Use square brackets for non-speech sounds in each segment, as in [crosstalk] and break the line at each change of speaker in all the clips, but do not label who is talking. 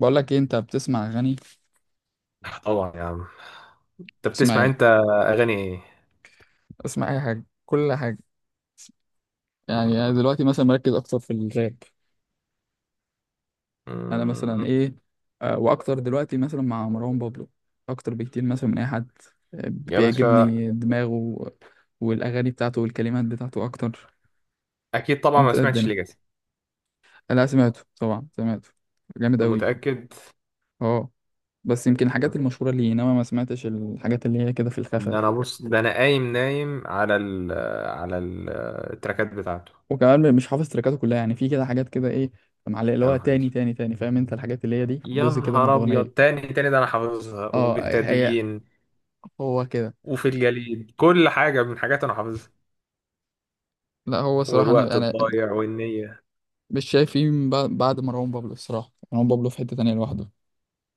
بقول لك ايه، انت بتسمع اغاني؟
طبعا يا عم. انت
بتسمع
بتسمع
ايه؟
انت اغاني ايه؟
اسمع اي حاجه، كل حاجه. يعني انا
م-
دلوقتي مثلا مركز اكتر في الراب. انا مثلا
م-
ايه؟ واكتر دلوقتي مثلا مع مروان بابلو اكتر بكتير مثلا من اي حد. آه،
يا باشا،
بيعجبني دماغه والاغاني بتاعته والكلمات بتاعته اكتر.
اكيد طبعا. ما
انت إيه
سمعتش
الدنيا؟
ليجاسي؟
لا سمعته، طبعا سمعته، جامد قوي،
متاكد؟
اه. بس يمكن الحاجات المشهوره ليه، انما ما سمعتش الحاجات اللي هي كده في الخفا.
ده انا بص، ده انا قايم نايم على ال على ال- التراكات بتاعته.
وكمان مش حافظ تريكاته كلها، يعني في كده حاجات كده ايه، معلقه، اللي
يا
هو
نهار
تاني
اسود
تاني تاني، فاهم انت؟ الحاجات اللي هي دي
يا
جزء كده من
نهار ابيض،
الاغنيه.
تاني تاني ده انا حافظها،
اه، هي
وبتدين
هو كده.
وفي الجليد، كل حاجه من حاجات انا حافظها،
لا هو صراحه،
والوقت
انا
الضايع والنية.
مش شايف فيه من بعد مروان بابلو الصراحه. مروان بابلو في حته تانية لوحده،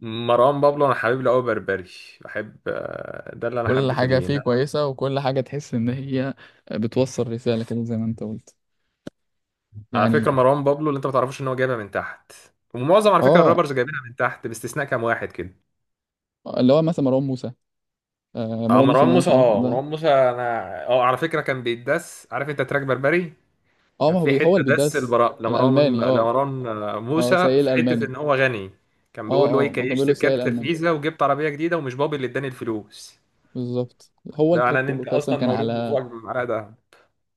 مروان بابلو انا حبيب له قوي بربري. بحب، ده اللي انا
كل
حبيته
حاجه
ليه.
فيه كويسه، وكل حاجه تحس ان هي بتوصل رساله كده زي ما انت قلت
على فكرة
يعني.
مروان بابلو اللي انت ما تعرفوش ان هو جايبها من تحت، ومعظم على فكرة
اه،
الرابرز جايبينها من تحت باستثناء كام واحد كده.
اللي هو مثلا مروان موسى. آه،
اه
مروان موسى
مروان
ده، مش
موسى،
عارف
اه
ده.
مروان موسى انا اه على فكرة كان بيتدس. عارف انت تراك بربري؟
اه،
كان
ما هو
في حتة
هو اللي
دس
بيدس.
البراء لمروان
الالماني، اه.
لمروان
اه،
موسى،
سيء
في حتة
الالماني.
ان هو غني. كان
اه
بيقول له ايه:
اه، ما كان
كيشت
بيقولوا سيء
بكارت
الالماني
الفيزا وجبت عربية جديدة، ومش بابي اللي اداني الفلوس.
بالظبط، هو
ده معناه
التراك
ان
كله
انت
اصلا
اصلا مولود وفوقك بمعلقة ده.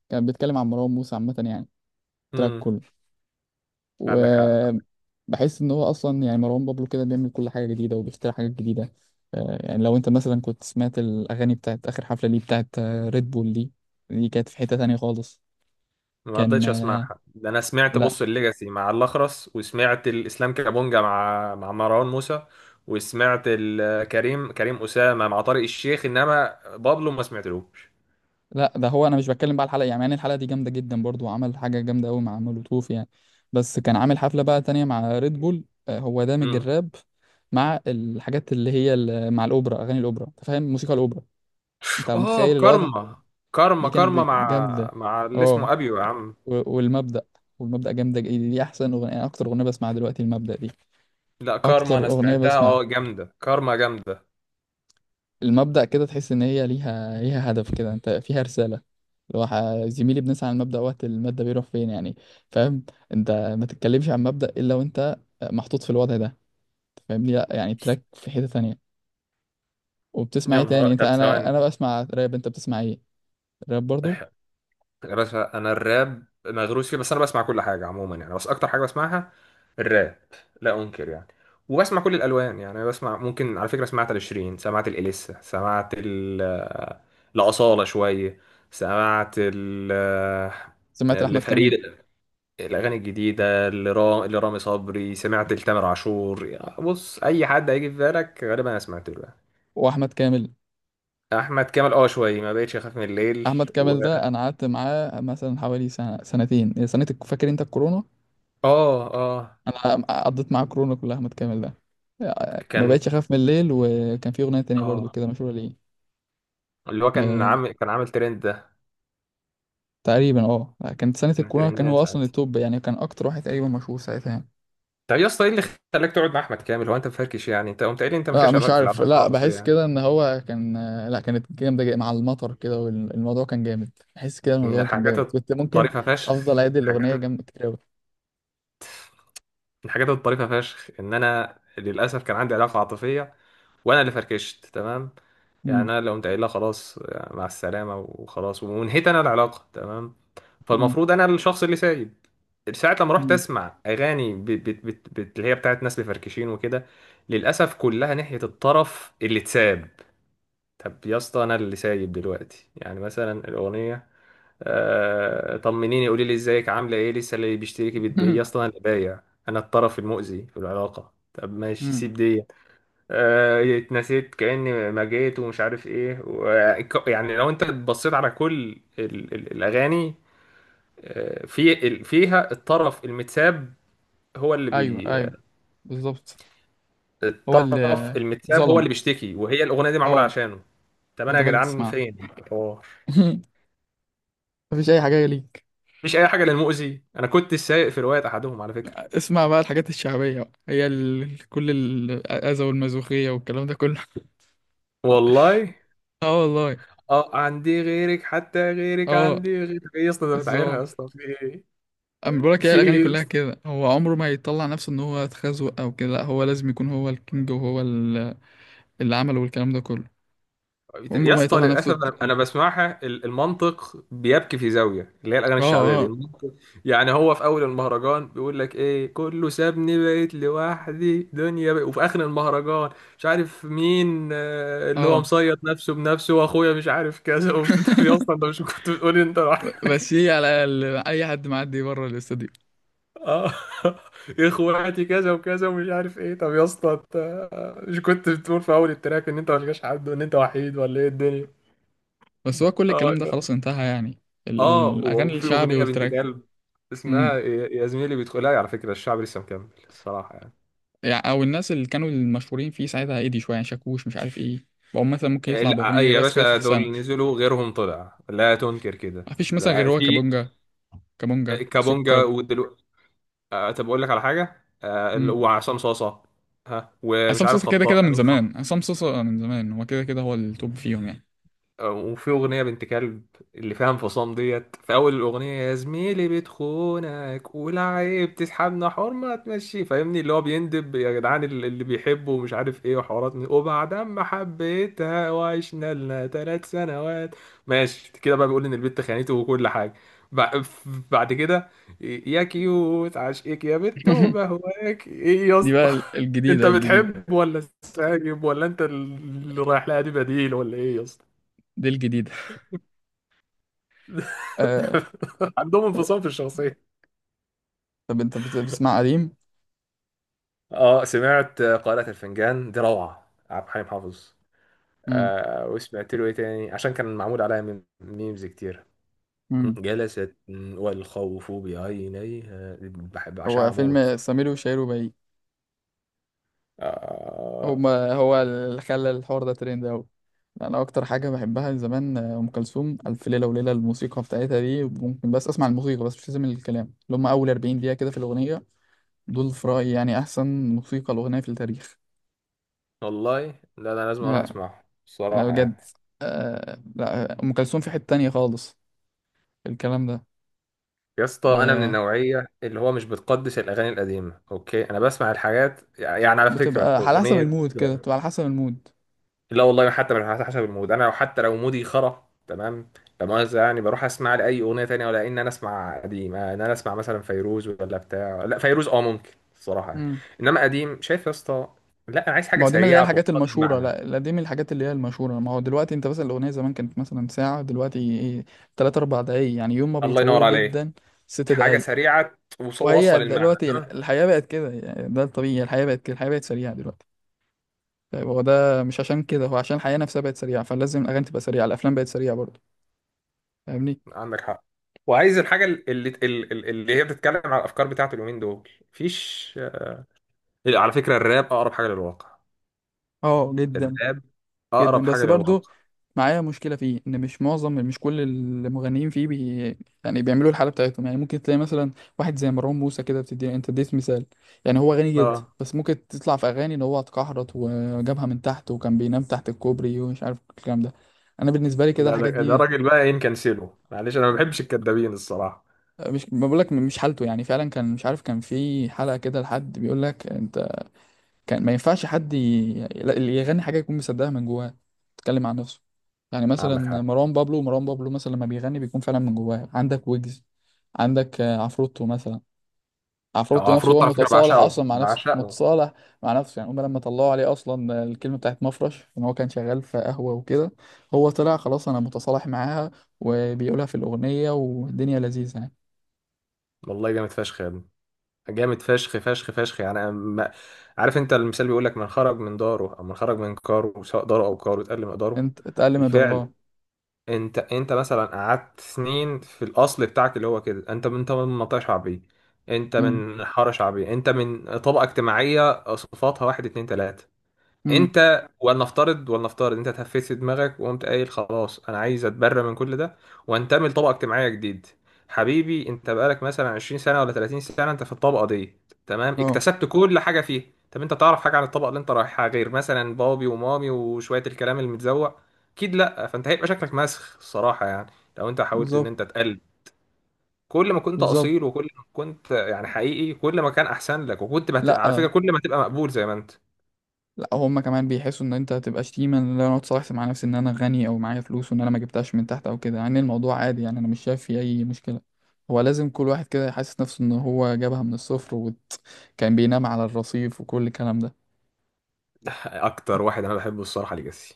كان بيتكلم عن مروان موسى عامة يعني، التراك
امم
كله.
عندك حق.
وبحس ان هو اصلا يعني مروان بابلو كده بيعمل كل حاجة جديدة وبيخترع حاجات جديدة. يعني لو انت مثلا كنت سمعت الاغاني بتاعت اخر حفلة ليه، بتاعت ريد بول دي، دي كانت في حتة تانية خالص.
ما
كان
رضيتش
آه،
اسمعها. ده انا سمعت بص
لا
الليجاسي مع الاخرس، وسمعت الاسلام كابونجا مع مروان موسى، وسمعت كريم اسامه مع طارق الشيخ، انما بابلو ما سمعتلوش.
لا، ده هو انا مش بتكلم بقى على الحلقه، يعني الحلقه دي جامده جدا برضو، وعمل حاجه جامده قوي مع مولوتوف يعني. بس كان عامل حفله بقى تانية مع ريد بول، هو دامج
امم
الراب مع الحاجات اللي هي مع الاوبرا، اغاني الاوبرا، انت فاهم؟ موسيقى الاوبرا، انت
اه
متخيل الوضع؟
كارما،
دي
كارما كارما
كانت
مع
جامده.
مع اللي اسمه
اه
ابيو يا عم.
والمبدأ، والمبدأ جامده، دي احسن اغنيه، اكتر اغنيه بسمعها دلوقتي المبدأ دي،
لا كارما
اكتر
انا
اغنيه
سمعتها، اه
بسمعها.
جامده كارما جامده.
المبدأ كده تحس إن هي ليها هدف كده، أنت فيها رسالة. اللي هو زميلي بنسعى على المبدأ، وقت المادة بيروح فين يعني، فاهم؟ أنت ما تتكلمش عن مبدأ إلا وأنت محطوط في الوضع ده، أنت فاهمني؟ لأ يعني تراك في حتة تانية. وبتسمع إيه
يا
تاني
نهار،
أنت؟
طب
أنا
ثواني.
أنا بسمع راب، أنت بتسمع إيه؟ راب برضو.
يا باشا انا الراب مغروس فيه، بس انا بسمع كل حاجه عموما يعني، بس اكتر حاجه بسمعها الراب. لا انكر يعني. وبسمع كل الالوان يعني. أنا بسمع، ممكن على فكره سمعت لشيرين، سمعت الاليسا، سمعت ال لاصاله شويه، سمعت ال
سمعت أحمد
لفريد،
كامل؟
الاغاني الجديده لرامي صبري، سمعت لتامر عاشور. يعني بص اي حد هيجي في بالك غالبا انا سمعت له يعني.
وأحمد كامل
احمد كامل، اه شويه ما بقتش اخاف من الليل.
أحمد
و...
كامل ده أنا قعدت معاه مثلا حوالي سنة، سنتين، سنة فاكر أنت الكورونا؟
اه اه.
انا قضيت معاه كورونا كلها متكامل ده. ما
كان
بقتش اخاف من الليل، وكان في اغنيه تانية برضو
اه
كده مشهوره ليه.
اللي هو كان
آه
عامل كان عامل ترند ده.
تقريبا، كانت سنه
كان
الكورونا، كان
ترند
هو اصلا
ساعتها.
التوب يعني، كان اكتر واحد تقريبا مشهور ساعتها يعني.
طب إيه يا اسطى، ايه اللي خلاك تقعد مع احمد كامل؟ هو انت مفركش يعني؟ انت قمت قايل لي انت
لا
مالكش
مش
علاقة في
عارف،
العلاقات
لا
العاطفيه
بحس
يعني.
كده ان هو كان، لا كانت جامده، مع المطر كده والموضوع كان جامد. بحس كده
من
الموضوع كان
الحاجات
جامد، كنت ممكن
الطريفه
افضل
فشخ،
اعيد الاغنيه جنب كتير قوي.
ان انا للاسف كان عندي علاقه عاطفيه، وانا اللي فركشت، تمام. يعني
مم.
انا اللي قمت قايل لها خلاص يعني مع السلامه وخلاص، وانهيت انا العلاقه، تمام.
مم.
فالمفروض انا الشخص اللي سايب. ساعة لما رحت
مم.
اسمع اغاني، بت بت بت بت اللي هي بتاعت ناس مفركشين وكده، للاسف كلها ناحية الطرف اللي اتساب. طب يا اسطى، انا اللي سايب دلوقتي يعني، مثلا الاغنية: آه طمنيني قولي لي ازيك عامله ايه لسه، اللي بيشتركي بتبيعي يا اسطى،
[laughs]
انا اللي بايع. انا الطرف المؤذي في العلاقة؟ طب ماشي
مم.
سيب دي. اتنسيت كأني ما جيت، ومش عارف ايه يعني لو انت بصيت على كل الاغاني، في فيها الطرف المتساب، هو اللي
ايوه
بي،
ايوه، بالظبط، هو
الطرف
اللي
المتساب هو
ظلم،
اللي بيشتكي، وهي الاغنيه دي معموله
اه.
عشانه. طب انا
وانت
يا
بقى اللي
جدعان
بتسمعها؟
فين الحوار؟
[laughs] مفيش اي حاجه ليك.
مفيش اي حاجه للمؤذي. انا كنت سايق في روايه احدهم على فكره.
اسمع بقى الحاجات الشعبية بقى. هي كل الأذى والمازوخية والكلام ده كله. [laughs]
والله.
اه والله.
اه عندي غيرك، حتى غيرك،
اه،
عندي غيرك ايه يا اسطى؟ ده بتعايرها يا
بالظبط.
اسطى، في ايه؟
انا بقول لك، هي
في
الأغاني
ايه
كلها كده، هو عمره ما يطلع نفسه إن هو اتخزوق أو كده، لا هو لازم يكون هو الكينج، وهو اللي عمله، والكلام ده كله. عمره
يا
ما
اسطى،
يطلع
للاسف
نفسه ت-
أنا
اه
بسمعها، المنطق بيبكي في زاويه اللي هي الاغاني
اه
الشعبيه دي.
اه
المنطق يعني هو في اول المهرجان بيقول لك ايه: كله سابني بقيت لوحدي دنيا بقى. وفي اخر المهرجان، مش عارف مين، اللي هو
آه.
مصيط نفسه بنفسه، واخويا مش عارف كذا [laughs] وبتتعب يا اسطى. انت مش كنت بتقول إيه؟ انت راح
بس هي على أي حد معدي بره الاستوديو.
اه [laughs] اخواتي كذا وكذا ومش عارف ايه. طب يا اسطى، انت مش كنت بتقول في اول التراك ان انت ملقاش حد، وان انت وحيد؟ ولا ايه الدنيا؟
بس هو كل الكلام
اه
ده خلاص انتهى يعني،
اه.
الأغاني
وفي
الشعبي
اغنيه بنت
والتراك،
كلب اسمها، يا زميلي بيدخل. لا على فكره الشعب لسه مكمل الصراحه يعني.
يعني او الناس اللي كانوا المشهورين فيه ساعتها هادي شويه يعني، شاكوش، مش عارف ايه، بقوا مثلا ممكن يطلع
لا
باغنيه
يا
بس كده في
باشا،
السنه.
دول نزلوا غيرهم طلع، لا تنكر
ما
كده.
فيش مثلا غير
لا،
هو
في.
كابونجا. كابونجا
كابونجا
سكر.
ودلوقتي. طب اقول لك على حاجه،
امم.
وعصام صاصه. ها، ومش
عصام
عارف
صوصه كده
خطاء
كده من
امين.
زمان، عصام صوصه من زمان هو كده كده، هو التوب فيهم يعني.
وفي أغنية بنت كلب، اللي فيها انفصام ديت في أول الأغنية: يا زميلي بتخونك والعيب تسحبنا حرمة تمشي، فاهمني؟ اللي هو بيندب يا جدعان اللي بيحبه ومش عارف ايه وحوارات وبعد ما حبيتها وعشنا لنا 3 سنوات، ماشي كده بقى. بيقول إن البت خانته وكل حاجة. بع- بعد كده: يا كيوت عشقك يا بت
[laughs]
وبهواك. ايه يا
دي
اسطى
بقى ال-
[laughs] انت
الجديده الجديده.
بتحب ولا سايب، ولا انت اللي رايح لها دي، بديل ولا ايه يا اسطى؟
دي الجديده، آه.
[laughs] عندهم
طب,
انفصام في الشخصية.
طب, انت بتسمع قديم؟
اه سمعت قارئة الفنجان، دي روعة عبد الحليم حافظ.
امم
آه، وسمعت له ايه تاني عشان كان معمول عليها ميمز كتير؟
امم.
جلست والخوف بعينيها، بحب
هو
بعشقها موت.
فيلم سمير وشهير وبهير،
آه
هما هو اللي خلى الحوار ده ترند أوي. أنا أكتر حاجة بحبها من زمان أم كلثوم، ألف ليلة وليلة، الموسيقى بتاعتها دي ممكن بس أسمع الموسيقى بس، مش لازم الكلام، اللي هما أول 40 دقيقة كده في الأغنية، دول في رأيي يعني أحسن موسيقى الأغنية في التاريخ.
والله. لا لا، لازم اروح
لا،
اسمعه
لا
الصراحة
بجد،
يعني.
لا، أم كلثوم في حتة تانية خالص، الكلام ده.
يا اسطى انا من
وبتبقى
النوعية اللي هو مش بتقدس الاغاني القديمة، اوكي. انا بسمع الحاجات يعني، على فكرة
على حسب
اغنية.
المود كده، بتبقى على حسب المود.
لا والله حتى مش على حسب المود، انا لو حتى لو مودي خرا تمام. لا مؤاخذة يعني، بروح اسمع لأي أغنية تانية. ولا إن أنا أسمع قديم، إن أنا أسمع مثلا فيروز ولا بتاع. لا فيروز أه ممكن الصراحة يعني. إنما قديم، شايف يا اسطى؟ لا أنا عايز حاجة
ما هو دي من اللي هي
سريعة توصل
الحاجات
لي
المشهورة،
المعنى.
لا لا، دي من الحاجات اللي هي المشهورة. ما هو دلوقتي انت مثلا الأغنية زمان كانت مثلا ساعة، دلوقتي ايه؟ تلات أربع دقايق يعني، يوم ما
الله ينور
بيطولوا
عليك.
جدا، ست
حاجة
دقايق.
سريعة
وهي
توصل المعنى،
دلوقتي
تمام.
الحياة بقت كده يعني، ده الطبيعي، الحياة بقت كده، الحياة بقت سريعة دلوقتي. طيب هو ده مش عشان كده؟ هو عشان الحياة نفسها بقت سريعة، فلازم الأغاني تبقى سريعة، الأفلام بقت سريعة برضه، فاهمني؟
عندك حق. وعايز الحاجة اللي، اللي اللي هي بتتكلم على الأفكار بتاعت اليومين دول، مفيش. إيه، على فكرة الراب أقرب حاجة للواقع،
اه جدا.
الراب
جدا،
أقرب
بس
حاجة
برضو
للواقع.
معايا مشكلة فيه، إن مش معظم، مش كل المغنيين فيه يعني بيعملوا الحالة بتاعتهم يعني، ممكن تلاقي مثلا واحد زي مروان موسى كده بتدي، أنت اديت مثال، يعني هو غني جدا
اه.
بس ممكن تطلع في أغاني إن هو اتكحرت وجابها من تحت وكان بينام تحت الكوبري ومش عارف الكلام ده. أنا بالنسبة لي كده
لا،
الحاجات
ده
دي،
راجل بقى ايه، نكنسله معلش، انا ما بحبش الكدابين الصراحه.
مش ما بقولك، مش حالته يعني فعلا، كان مش عارف، كان في حلقة كده لحد بيقول لك أنت كان ما ينفعش حد. اللي يغني حاجة يكون مصدقها من جواه، تتكلم عن نفسه. يعني
عندك
مثلا
حق.
مروان بابلو، مروان بابلو مثلا لما بيغني بيكون فعلا من جواه، عندك ويجز، عندك، عفروتو مثلا.
اه
عفروتو نفسه هو
عفروت على فكره،
متصالح
بعشقه
اصلا مع نفسه،
بعشقه.
متصالح مع نفسه يعني، هما لما طلعوا عليه اصلا الكلمه بتاعت مفرش ان هو كان شغال في قهوه وكده، هو طلع خلاص انا متصالح معاها، وبيقولها في الاغنيه، والدنيا لذيذه يعني.
والله جامد فشخ يا ابني، جامد فشخ فشخ فشخ يعني. أنا ما... عارف انت المثال بيقول لك: من خرج من داره او من خرج من كاره، سواء داره او كاره، اتقل مقداره.
انت اتقل مقدار،
بالفعل.
اه.
انت مثلا قعدت سنين في الاصل بتاعك اللي هو كده. انت من، انت من منطقه شعبيه، انت
امم
من حاره شعبيه، انت من طبقه اجتماعيه صفاتها واحد اتنين تلاته.
امم.
انت، ولنفترض انت تهفيت في دماغك وقمت قايل خلاص انا عايز اتبرى من كل ده، وانتمي لطبقه اجتماعيه جديد. حبيبي انت بقالك مثلا 20 سنه ولا 30 سنه انت في الطبقه دي، تمام،
اه،
اكتسبت كل حاجه فيها. طب انت تعرف حاجه عن الطبقه اللي انت رايحها غير مثلا بابي ومامي وشويه الكلام المتزوق؟ اكيد لا. فانت هيبقى شكلك مسخ الصراحه يعني، لو انت حاولت ان
بالظبط،
انت تقلد. كل ما كنت اصيل،
بالظبط.
وكل ما كنت يعني حقيقي، كل ما كان احسن لك، على فكره
لا
كل ما تبقى مقبول زي ما انت.
لا، هما كمان بيحسوا ان انت هتبقى شتيمه، ان انا اتصالحت مع نفسي، ان انا غني او معايا فلوس، وان انا ما جبتهاش من تحت او كده، يعني الموضوع عادي يعني، انا مش شايف فيه اي مشكله. هو لازم كل واحد كده يحسس نفسه ان هو جابها من الصفر، وكان بينام على الرصيف وكل الكلام ده.
اكتر واحد انا بحبه الصراحه ليجاسي،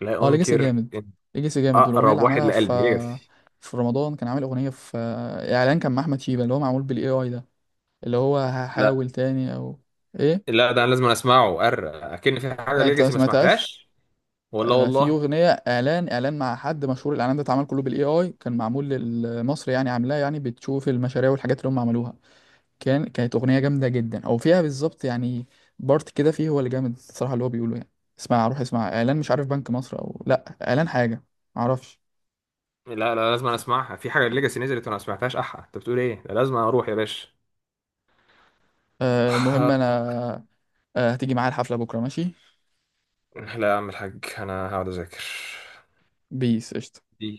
لا
اه، ليجاسي
انكر
جامد.
إن،
ليجاسي جامد، والاغنيه
اقرب
اللي
واحد
عملها في،
لقلبي ليجاسي.
في رمضان كان عامل اغنيه في اعلان، كان مع احمد شيبه، اللي هو معمول بالاي اي ده، اللي هو
لا
هحاول تاني، او ايه؟
لا، ده انا لازم اسمعه. اكن في حاجه
لا، انت ما
ليجاسي ما
سمعتهاش.
سمعتهاش؟ ولا
في
والله.
اغنيه اعلان مع حد مشهور، الاعلان ده اتعمل كله بالاي اي، كان معمول لمصر يعني، عاملاه يعني بتشوف المشاريع والحاجات اللي هم عملوها. كانت اغنيه جامده جدا، او فيها بالظبط يعني بارت كده فيه هو اللي جامد الصراحه، اللي هو بيقوله يعني. اسمع، روح اسمع اعلان، مش عارف بنك مصر او، لا اعلان حاجه، معرفش.
لا لا، لازم أنا اسمعها. في حاجه ليجاسي نزلت وانا ما سمعتهاش؟ احا انت بتقول ايه، ده لازم اروح يا باشا.
المهم انا
[laughs]
آه، هتيجي معايا الحفله بكره؟ ماشي.
[sighs] لا يا عم الحاج انا هقعد اذاكر
بيس قشطة.
دي.